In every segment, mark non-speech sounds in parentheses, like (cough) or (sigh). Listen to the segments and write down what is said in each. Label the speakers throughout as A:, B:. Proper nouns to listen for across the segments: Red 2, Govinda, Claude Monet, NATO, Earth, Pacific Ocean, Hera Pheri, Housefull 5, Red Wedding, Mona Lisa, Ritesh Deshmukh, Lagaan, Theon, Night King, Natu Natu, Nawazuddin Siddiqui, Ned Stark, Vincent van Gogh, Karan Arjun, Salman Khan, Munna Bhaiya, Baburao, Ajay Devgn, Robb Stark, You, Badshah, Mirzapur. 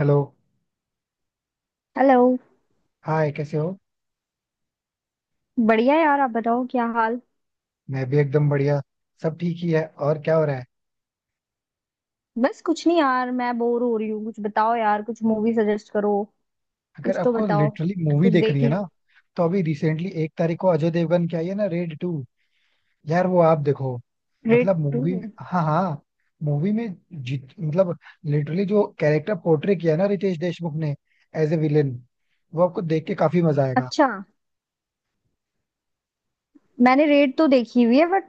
A: Hello.
B: Hello.
A: Hi, कैसे हो?
B: बढ़िया यार, आप बताओ क्या हाल।
A: मैं भी एकदम बढ़िया. सब ठीक ही है. और क्या हो रहा है?
B: बस कुछ नहीं यार, मैं बोर हो रही हूँ। कुछ बताओ यार, कुछ मूवी सजेस्ट करो।
A: अगर
B: कुछ तो
A: आपको
B: बताओ।
A: लिटरली मूवी
B: कुछ
A: देखनी
B: देख
A: है ना,
B: लूं।
A: तो अभी रिसेंटली एक तारीख को अजय देवगन की आई है ना, रेड टू. यार, वो आप देखो.
B: रेड
A: मतलब
B: टू।
A: मूवी. हाँ, हाँ. मूवी में जित मतलब लिटरली जो कैरेक्टर पोर्ट्रे किया है ना रितेश देशमुख ने, एज ए विलेन, वो आपको देख के काफी मजा आएगा.
B: अच्छा, मैंने रेड तो देखी हुई है, बट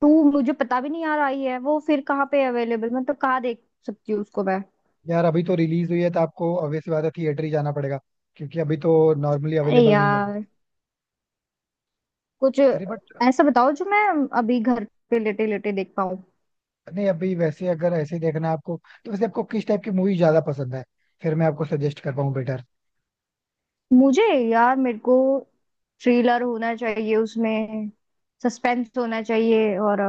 B: टू मुझे पता भी नहीं यार आई है वो। फिर कहाँ पे अवेलेबल, मतलब कहाँ देख सकती हूँ उसको मैं।
A: यार अभी तो रिलीज हुई है, तो आपको ऑब्वियसली बात है, थिएटर ही जाना पड़ेगा. क्योंकि अभी तो नॉर्मली
B: अरे
A: अवेलेबल नहीं है वो.
B: यार, कुछ
A: अरे बट.
B: ऐसा बताओ जो मैं अभी घर पे लेटे लेटे देख पाऊँ।
A: नहीं, अभी वैसे अगर ऐसे ही देखना है आपको, तो वैसे आपको किस टाइप की मूवी ज्यादा पसंद है? फिर मैं आपको सजेस्ट कर पाऊँ बेटर.
B: मुझे यार, मेरे को थ्रिलर होना चाहिए उसमें, सस्पेंस होना चाहिए, और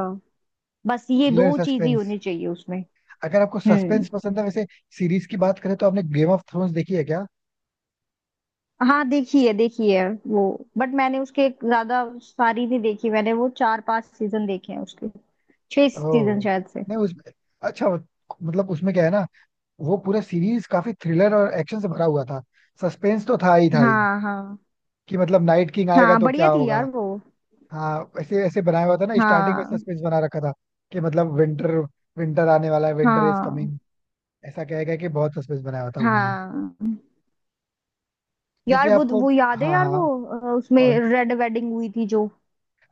B: बस ये
A: थ्रिलर
B: दो चीज ही
A: सस्पेंस.
B: होनी चाहिए उसमें।
A: अगर आपको सस्पेंस
B: हम्म।
A: पसंद है वैसे, सीरीज की बात करें तो आपने गेम ऑफ थ्रोन्स देखी है क्या?
B: हाँ, देखी है वो। बट मैंने उसके ज्यादा सारी नहीं देखी। मैंने वो चार पांच सीजन देखे हैं उसके, छह सीजन
A: ओह.
B: शायद से।
A: नहीं उस अच्छा, मतलब उसमें क्या है ना, वो पूरा सीरीज काफी थ्रिलर और एक्शन से भरा हुआ था. सस्पेंस तो था ही, था ही
B: हाँ हाँ
A: कि मतलब नाइट किंग आएगा
B: हाँ,
A: तो क्या
B: बढ़िया थी
A: होगा.
B: यार वो।
A: हाँ, ऐसे ऐसे बनाया हुआ था ना, स्टार्टिंग में
B: हाँ
A: सस्पेंस बना रखा था कि मतलब विंटर विंटर आने वाला है. विंटर इज
B: हाँ
A: कमिंग, ऐसा कहेगा कि बहुत सस्पेंस बनाया हुआ था उन्होंने.
B: हाँ
A: वैसे
B: यार वो
A: आपको.
B: वो याद है
A: हाँ,
B: यार वो,
A: हाँ.
B: उसमें
A: कौन?
B: रेड वेडिंग हुई थी जो।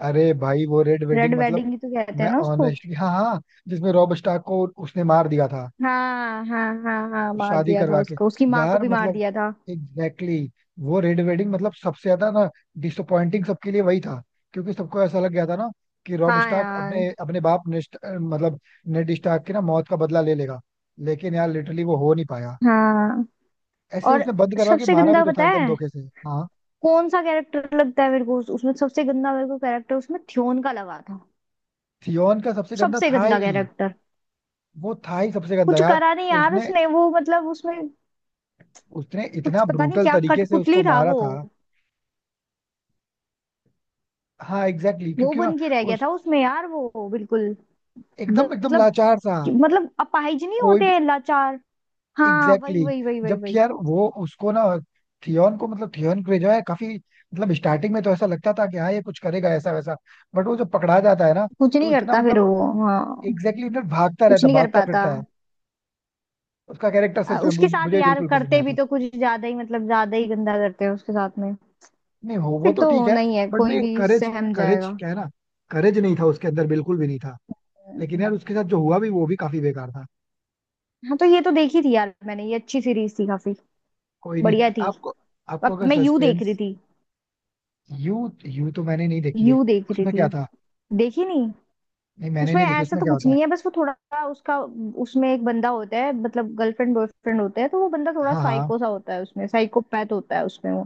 A: अरे भाई वो रेड
B: रेड
A: वेडिंग मतलब.
B: वेडिंग ही तो कहते
A: मैं
B: हैं ना उसको।
A: ऑनेस्टली हाँ, हाँ. जिसमें रॉब स्टार्क को उसने मार दिया था,
B: हाँ हाँ हाँ हाँ, मार
A: शादी
B: दिया था
A: करवा के.
B: उसको, उसकी माँ को
A: यार
B: भी मार
A: मतलब
B: दिया था।
A: एग्जैक्टली, वो रेड वेडिंग मतलब सबसे ज्यादा ना डिसअपॉइंटिंग सबके लिए वही था. क्योंकि सबको ऐसा लग गया था ना कि रॉब
B: हाँ
A: स्टार्क अपने
B: यार।
A: अपने बाप नेस्ट मतलब नेड स्टार्क की ना मौत का बदला ले लेगा. लेकिन यार लिटरली वो हो नहीं पाया.
B: हाँ।
A: ऐसे
B: और
A: उसने बंद करवा के
B: सबसे
A: मारा भी
B: गंदा
A: तो
B: पता
A: था, एकदम
B: है
A: धोखे से. हाँ.
B: कौन सा कैरेक्टर लगता है मेरे को उसमें? सबसे गंदा मेरे को कैरेक्टर उसमें थ्योन का लगा था।
A: थियोन का सबसे गंदा
B: सबसे
A: था
B: गंदा
A: ही.
B: कैरेक्टर।
A: वो था ही सबसे गंदा
B: कुछ
A: यार.
B: करा नहीं यार
A: उसने
B: उसने वो, मतलब उसमें।
A: उसने
B: कुछ
A: इतना
B: पता नहीं,
A: ब्रूटल
B: क्या
A: तरीके से
B: कठपुतली
A: उसको
B: था
A: मारा
B: वो।
A: था. हाँ, एग्जैक्टली,
B: वो
A: क्योंकि ना
B: बन के रह गया
A: उस
B: था उसमें यार वो बिल्कुल।
A: एकदम एकदम
B: मतलब,
A: लाचार सा.
B: मतलब अपाहिज नहीं
A: कोई
B: होते
A: भी.
B: हैं लाचार। हाँ
A: एग्जैक्टली
B: वही वही वही
A: exactly,
B: वही
A: जबकि
B: वही।
A: यार वो उसको ना, थियोन को, मतलब थियोन को जो है काफी, मतलब स्टार्टिंग में तो ऐसा लगता था कि हाँ ये कुछ करेगा, ऐसा वैसा. बट वो जब पकड़ा जाता है ना,
B: कुछ
A: तो
B: नहीं
A: इतना
B: करता फिर
A: मतलब,
B: वो, हाँ।
A: एग्जैक्टली, ना भागता
B: कुछ
A: रहता
B: नहीं कर
A: भागता
B: पाता।
A: फिरता है. उसका कैरेक्टर सच में
B: उसके
A: मुझे
B: साथ
A: मुझे
B: यार
A: बिल्कुल पसंद नहीं
B: करते भी
A: आता.
B: तो कुछ ज्यादा ही, मतलब ज्यादा ही गंदा करते हैं उसके साथ में।
A: नहीं, हो वो
B: फिर
A: तो
B: तो
A: ठीक है.
B: होना ही है,
A: बट
B: कोई
A: नहीं,
B: भी
A: करेज
B: सहम
A: करेज
B: जाएगा।
A: क्या है ना. करेज नहीं था उसके अंदर, बिल्कुल भी नहीं था. लेकिन
B: हम्म।
A: यार उसके साथ जो हुआ भी वो भी काफी बेकार था.
B: हाँ तो ये तो देखी थी यार मैंने, ये अच्छी सीरीज थी काफी।
A: कोई नहीं.
B: बढ़िया थी।
A: आपको आपको
B: अब
A: अगर
B: मैं यू देख रही
A: सस्पेंस.
B: थी।
A: यू यू तो मैंने नहीं देखी है.
B: यू देख रही
A: उसमें क्या
B: थी।
A: था?
B: देखी नहीं।
A: नहीं मैंने
B: उसमें
A: नहीं देखी,
B: ऐसा
A: उसमें
B: तो
A: क्या
B: कुछ
A: होता है?
B: नहीं है, बस वो थोड़ा उसका, उसमें एक बंदा होता है, मतलब गर्लफ्रेंड बॉयफ्रेंड होते हैं तो वो बंदा थोड़ा
A: हाँ, हाँ.
B: साइको सा होता है उसमें, साइकोपैथ होता है उसमें वो।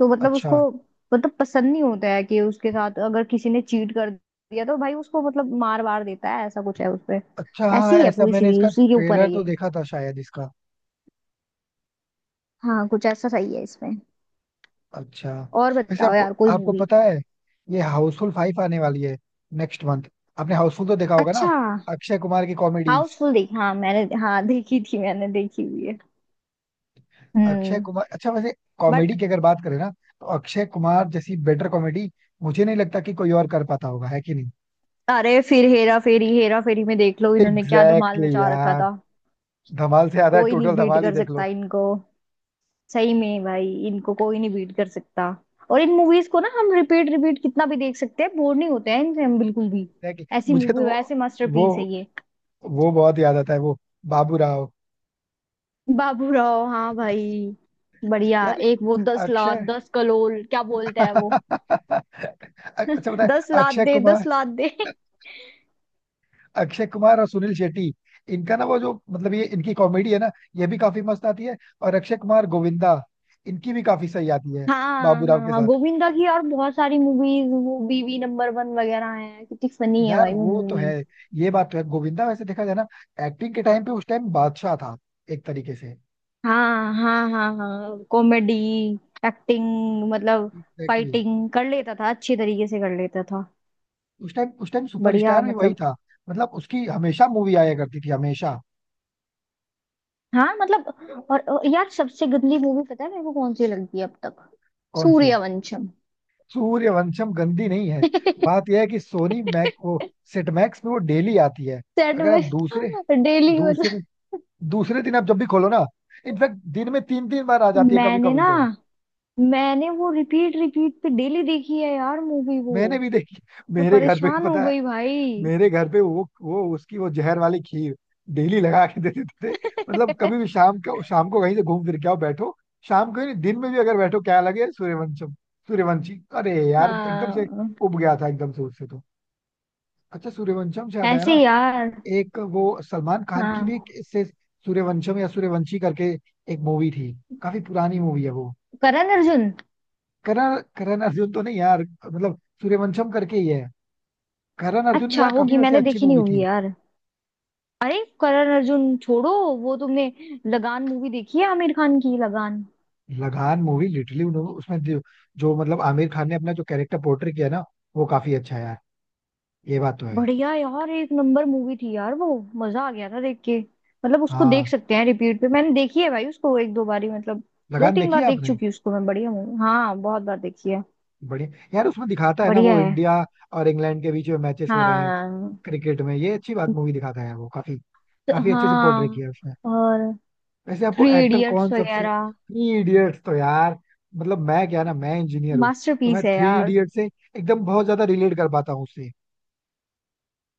B: तो मतलब
A: अच्छा.
B: उसको, मतलब पसंद नहीं होता है कि उसके साथ अगर किसी ने चीट कर दिया तो भाई उसको मतलब मार वार देता है, ऐसा कुछ है उसपे।
A: अच्छा, हाँ
B: ऐसी है
A: ऐसा
B: पूरी
A: मैंने
B: सीरीज,
A: इसका
B: उसी के ऊपर
A: ट्रेलर
B: है
A: तो
B: ये।
A: देखा था शायद इसका.
B: हाँ कुछ ऐसा सही है इसमें।
A: अच्छा,
B: और
A: वैसे
B: बताओ
A: आपको
B: यार, कोई
A: आपको
B: मूवी।
A: पता है ये हाउसफुल फाइव आने वाली है नेक्स्ट मंथ? आपने हाउसफुल तो देखा होगा ना,
B: अच्छा।
A: अक्षय कुमार की कॉमेडीज.
B: हाउसफुल देखी हाँ मैंने, हाँ देखी थी मैंने, देखी हुई है।
A: अक्षय
B: हम्म।
A: कुमार, अच्छा वैसे
B: बट
A: कॉमेडी की अगर बात करें ना, तो अक्षय कुमार जैसी बेटर कॉमेडी मुझे नहीं लगता कि कोई और कर पाता होगा, है कि नहीं.
B: अरे फिर हेरा फेरी, हेरा फेरी में देख लो
A: एग्जैक्टली
B: इन्होंने क्या धमाल
A: exactly
B: मचा रखा
A: यार,
B: था।
A: धमाल से ज्यादा
B: कोई नहीं
A: टोटल
B: बीट
A: धमाल ही
B: कर
A: देख
B: सकता
A: लो.
B: इनको। सही में भाई, इनको कोई नहीं बीट कर सकता। और इन मूवीज को ना हम रिपीट रिपीट कितना भी देख सकते हैं, बोर नहीं होते हैं इनसे हम बिल्कुल भी।
A: एग्जैक्टली.
B: ऐसी
A: मुझे तो
B: मूवी
A: वो
B: वैसे,
A: वो
B: मास्टरपीस है ये।
A: वो बहुत याद आता है, वो बाबू राव.
B: बाबूराव हाँ भाई। बढ़िया।
A: यार
B: एक वो 10 लाख,
A: अक्षय
B: दस कलोल क्या बोलते हैं वो।
A: (laughs) अच्छा बताए,
B: 10 लाख
A: अक्षय
B: दे,
A: कुमार
B: 10 लाख दे। (laughs)
A: अक्षय कुमार और सुनील शेट्टी. इनका ना वो जो मतलब, ये इनकी कॉमेडी है ना, ये भी काफी मस्त आती है. और अक्षय कुमार गोविंदा, इनकी भी काफी सही आती है,
B: हाँ
A: बाबू
B: हाँ
A: राव के
B: हाँ,
A: साथ.
B: गोविंदा की और बहुत सारी मूवीज, वो बीवी नंबर वन वगैरह हैं, कितनी फनी है
A: यार
B: भाई वो
A: वो तो है,
B: मूवीज।
A: ये बात तो है. गोविंदा वैसे देखा जाए ना, एक्टिंग के टाइम पे उस टाइम बादशाह था, एक तरीके से.
B: हाँ हाँ हाँ हाँ, कॉमेडी। एक्टिंग। मतलब
A: एग्जैक्टली.
B: फाइटिंग कर लेता था, अच्छी तरीके से कर लेता था।
A: उस टाइम
B: बढ़िया,
A: सुपरस्टार भी वही
B: मतलब।
A: था. मतलब उसकी हमेशा मूवी आया करती थी, हमेशा.
B: हाँ, मतलब और यार, सबसे गंदी मूवी पता है मेरे को कौन सी लगती है अब तक?
A: कौन सी?
B: सूर्यवंशम।
A: सूर्यवंशम गंदी नहीं है. बात यह है कि सोनी मैक
B: (laughs)
A: वो, सेट मैक्स पे वो डेली आती है.
B: सेट
A: अगर आप दूसरे
B: में (laughs) डेली वाला।
A: दूसरे दूसरे दिन आप जब भी खोलो ना, इनफैक्ट दिन में तीन तीन बार आ जाती है कभी
B: मैंने
A: कभी
B: ना,
A: तो.
B: मैंने वो रिपीट रिपीट पे डेली देखी है यार मूवी वो।
A: मैंने भी देखी.
B: मैं
A: मेरे घर पे भी
B: परेशान हो
A: पता है,
B: गई भाई।
A: मेरे घर पे वो उसकी वो जहर वाली खीर डेली लगा के दे देते थे. मतलब कभी भी
B: (laughs)
A: शाम को, शाम को कहीं से घूम फिर के आओ बैठो, शाम को ही नहीं दिन में भी अगर बैठो, क्या लगे, सूर्यवंशम. सूर्यवंशी, अरे यार एकदम से
B: हाँ,
A: उब गया था एकदम से उससे तो. अच्छा सूर्यवंशम से याद आया
B: ऐसे
A: ना,
B: ही यार।
A: एक वो सलमान खान की भी एक
B: हाँ।
A: इससे सूर्यवंशम या सूर्यवंशी करके एक मूवी थी, काफी पुरानी मूवी है वो.
B: करण अर्जुन।
A: करण करण अर्जुन तो नहीं यार, मतलब सूर्यवंशम करके ही है. करण अर्जुन भी
B: अच्छा
A: यार काफी
B: होगी,
A: वैसे
B: मैंने
A: अच्छी
B: देखी नहीं
A: मूवी
B: होगी
A: थी.
B: यार। अरे करण अर्जुन छोड़ो, वो तुमने लगान मूवी देखी है आमिर खान की, लगान।
A: लगान मूवी लिटरली उन्होंने उसमें जो मतलब आमिर खान ने अपना जो कैरेक्टर पोर्ट्रे किया ना, वो काफी अच्छा है यार. ये बात तो है.
B: बढ़िया यार, एक नंबर मूवी थी यार वो। मजा आ गया था देख के। मतलब उसको
A: हाँ,
B: देख सकते हैं रिपीट पे, मैंने देखी है भाई उसको, एक दो बारी मतलब। दो
A: लगान
B: तीन
A: देखी है
B: बार देख
A: आपने.
B: चुकी हूँ उसको मैं, बढ़िया मूवी, हाँ, बहुत बार देखी है।
A: बढ़िया. यार उसमें दिखाता है ना
B: बढ़िया
A: वो
B: है।
A: इंडिया और इंग्लैंड के बीच में मैचेस हो रहे हैं
B: हाँ।
A: क्रिकेट में, ये अच्छी बात मूवी दिखाता है वो. काफी काफी अच्छे से पोर्ट्रे
B: हाँ।
A: किया है उसने.
B: और
A: वैसे आपको
B: थ्री
A: एक्टर कौन
B: इडियट्स
A: सबसे,
B: वगैरह
A: थ्री इडियट्स तो यार मतलब. मैं क्या ना, मैं इंजीनियर हूँ, तो
B: मास्टरपीस
A: मैं
B: है
A: थ्री
B: यार।
A: इडियट से एकदम बहुत ज्यादा रिलेट कर पाता हूँ उससे.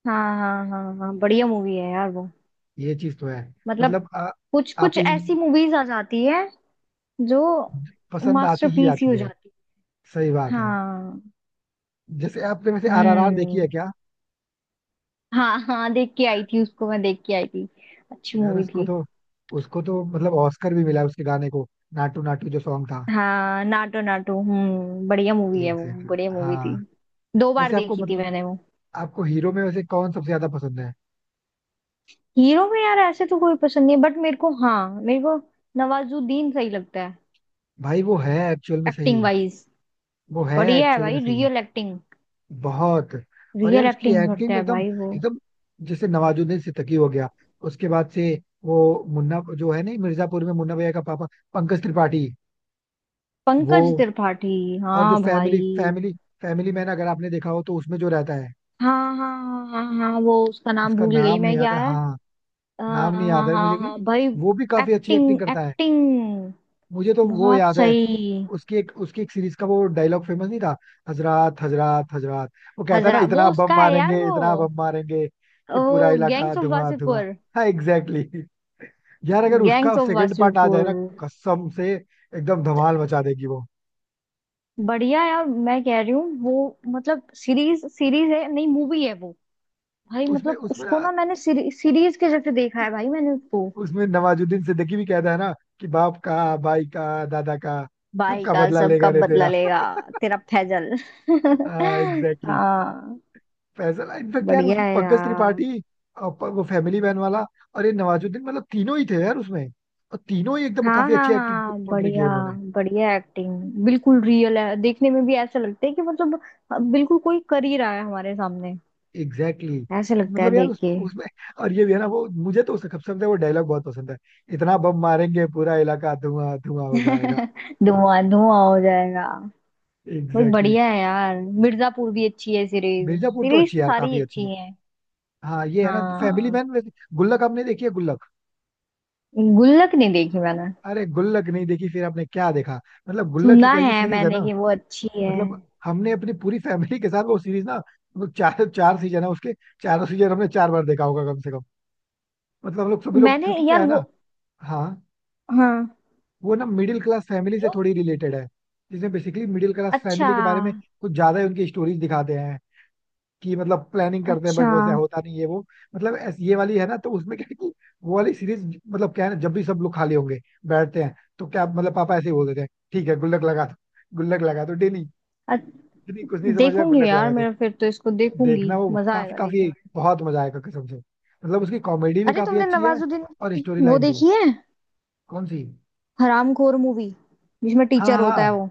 B: हाँ हाँ हाँ हाँ, बढ़िया मूवी है यार वो।
A: ये चीज तो है.
B: मतलब
A: मतलब
B: कुछ
A: आप
B: कुछ
A: इन,
B: ऐसी मूवीज आ जाती है जो
A: पसंद आती ही
B: मास्टरपीस ही
A: आती
B: हो
A: है.
B: जाती
A: सही
B: है।
A: बात है.
B: हाँ।
A: जैसे आपने वैसे आरआरआर देखी
B: हम्म।
A: है क्या?
B: हाँ हाँ, देख के आई थी उसको मैं, देख के आई थी। अच्छी
A: यार
B: मूवी
A: उसको
B: थी।
A: तो उसको तो मतलब ऑस्कर भी मिला उसके गाने को, नाटू नाटू जो सॉन्ग था.
B: हाँ, नाटो नाटो, हम्म, बढ़िया मूवी है वो।
A: एग्जैक्टली,
B: बढ़िया मूवी
A: हाँ.
B: थी, दो बार
A: वैसे आपको
B: देखी थी
A: मतलब,
B: मैंने वो।
A: आपको हीरो में वैसे कौन सबसे ज्यादा पसंद है?
B: हीरो में यार ऐसे तो कोई पसंद नहीं है, बट मेरे को, हाँ, मेरे को नवाजुद्दीन सही लगता है।
A: भाई, वो है एक्चुअल में
B: एक्टिंग
A: सही.
B: वाइज।
A: वो है
B: बढ़िया है
A: एक्चुअली में
B: भाई,
A: सही.
B: Real acting.
A: बहुत. और यार
B: रियल
A: उसकी
B: एक्टिंग
A: एक्टिंग
B: करता
A: में
B: है
A: एकदम
B: भाई वो।
A: एकदम, जैसे नवाजुद्दीन सिद्दीकी हो गया, उसके बाद से वो मुन्ना जो है, नहीं मिर्जापुर में मुन्ना भैया का पापा, पंकज त्रिपाठी. वो.
B: पंकज त्रिपाठी।
A: और जो
B: हाँ भाई।
A: फैमिली फैमिली फैमिली मैन अगर आपने देखा हो, तो उसमें जो रहता है,
B: हाँ हाँ हाँ हाँ। हाँ वो उसका नाम
A: उसका
B: भूल गई
A: नाम नहीं
B: मैं,
A: याद
B: क्या
A: है
B: है।
A: हाँ. नाम नहीं याद
B: हाँ
A: है मुझे
B: हाँ
A: कि,
B: हाँ भाई।
A: वो भी काफी अच्छी एक्टिंग
B: एक्टिंग,
A: करता है.
B: एक्टिंग।
A: मुझे तो वो
B: बहुत
A: याद है.
B: सही।
A: उसकी एक सीरीज का वो डायलॉग फेमस नहीं था, हजरात हजरात हजरात, वो कहता है ना,
B: हजरा वो उसका है यार वो
A: इतना बम मारेंगे कि पूरा
B: वो
A: इलाका
B: गैंग्स ऑफ
A: धुआं धुआं.
B: वासेपुर।
A: हाँ, एग्जैक्टली. यार अगर उसका
B: गैंग्स ऑफ
A: सेकंड पार्ट आ जाए
B: वासेपुर।
A: ना, कसम से एकदम धमाल मचा देगी वो.
B: बढ़िया यार, मैं कह रही हूँ वो। मतलब सीरीज सीरीज है नहीं, मूवी है वो। भाई
A: उसमें
B: मतलब
A: उसमें
B: उसको
A: ना,
B: ना मैंने सीरीज के जैसे देखा है भाई मैंने उसको।
A: उसमें नवाजुद्दीन सिद्दीकी भी कहता है ना, कि बाप का, भाई का, दादा का,
B: भाई
A: सबका
B: का
A: बदला
B: सब
A: लेगा
B: कब
A: रे
B: बदला
A: तेरा.
B: लेगा। तेरा फैजल।
A: हाँ
B: (laughs)
A: एग्जैक्टली.
B: हाँ।
A: फैसला. इनफेक्ट यार
B: बढ़िया
A: उसमें
B: है
A: पंकज
B: यार।
A: त्रिपाठी, और वो फैमिली मैन वाला, और ये नवाजुद्दीन, मतलब तीनों ही थे यार उसमें. और तीनों ही एकदम
B: हाँ
A: काफी अच्छी
B: हाँ
A: एक्टिंग
B: हाँ,
A: पोर्ट्रे की है
B: बढ़िया।
A: उन्होंने.
B: बढ़िया एक्टिंग। बिल्कुल रियल है, देखने में भी ऐसा लगता है कि मतलब हाँ, बिल्कुल कोई कर ही रहा है हमारे सामने।
A: एग्जैक्टली.
B: ऐसे लगता है
A: मतलब यार
B: देख के।
A: उसमें. और ये भी है ना वो, मुझे तो उसका सबसे ज्यादा वो डायलॉग बहुत पसंद है, इतना बम मारेंगे पूरा इलाका धुआं धुआं हो जाएगा.
B: (laughs) धुआं धुआं हो जाएगा। बहुत
A: एग्जैक्टली
B: बढ़िया है यार। मिर्जापुर भी अच्छी है
A: exactly.
B: सीरीज।
A: मिर्जापुर तो
B: सीरीज
A: अच्छी है
B: तो
A: यार,
B: सारी
A: काफी अच्छी है.
B: अच्छी है।
A: हाँ ये है ना फैमिली
B: हाँ।
A: मैन वैसे. गुल्लक आपने देखी है, गुल्लक?
B: गुल्लक नहीं देखी मैंने।
A: अरे, गुल्लक नहीं देखी, फिर आपने क्या देखा? मतलब गुल्लक एक
B: सुना
A: ऐसी
B: है
A: सीरीज है ना,
B: मैंने कि वो अच्छी है।
A: मतलब हमने अपनी पूरी फैमिली के साथ वो सीरीज ना, वो चार चार सीजन है उसके, चारों सीजन हमने चार बार देखा होगा कम से कम. मतलब हम लोग, सभी लोग,
B: मैंने
A: क्योंकि क्या
B: यार
A: है
B: वो।
A: ना. हाँ,
B: हाँ।
A: वो ना मिडिल क्लास फैमिली से
B: हेलो?
A: थोड़ी रिलेटेड है, जिसमें बेसिकली मिडिल क्लास
B: अच्छा।
A: फैमिली के बारे में कुछ ज्यादा ही उनकी स्टोरीज दिखाते हैं, कि मतलब प्लानिंग करते हैं बट
B: अच्छा।
A: वैसे होता नहीं है वो. मतलब ये वाली है ना, तो उसमें क्या है कि वो वाली सीरीज, मतलब क्या है ना, जब भी सब लोग खाली होंगे बैठते हैं, तो क्या मतलब पापा ऐसे ही बोल देते हैं, ठीक है गुल्लक लगा दो. गुल्लक लगा दो डेली, कुछ नहीं
B: अच्छ-
A: समझ में आया,
B: देखूंगी
A: गुल्लक
B: यार
A: लगा दो.
B: मेरा, फिर तो इसको देखूंगी,
A: देखना वो
B: मजा
A: काफी
B: आएगा देखने
A: काफी
B: में।
A: बहुत मजा आएगा कसम से, मतलब उसकी कॉमेडी भी
B: अरे
A: काफी
B: तुमने
A: अच्छी है,
B: नवाजुद्दीन
A: और
B: की
A: स्टोरी
B: वो
A: लाइन भी.
B: देखी है,
A: कौन सी?
B: हरामखोर मूवी, जिसमें
A: हाँ,
B: टीचर होता
A: हाँ,
B: है वो,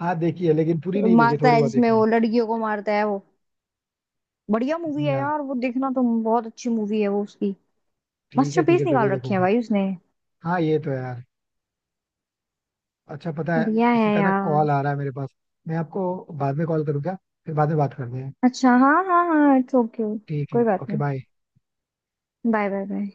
A: हाँ देखी है, लेकिन पूरी नहीं देखी,
B: मारता
A: थोड़ी
B: है
A: बहुत
B: जिसमें,
A: देखी है.
B: वो लड़कियों को मारता है वो। बढ़िया मूवी
A: नहीं
B: है
A: यार,
B: यार वो, देखना तुम, बहुत अच्छी मूवी है वो उसकी।
A: ठीक है ठीक है,
B: मास्टरपीस निकाल
A: जरूर
B: रखे हैं
A: देखूंगा.
B: भाई उसने।
A: हाँ ये तो है यार. अच्छा पता है
B: बढ़िया है
A: किसी का ना कॉल
B: यार।
A: आ रहा है मेरे पास, मैं आपको बाद में कॉल करूँ क्या? फिर बाद में बात करते हैं.
B: अच्छा हाँ हाँ हाँ, इट्स ओके।
A: ठीक
B: कोई
A: है,
B: बात
A: ओके
B: नहीं।
A: बाय.
B: Bye bye bye.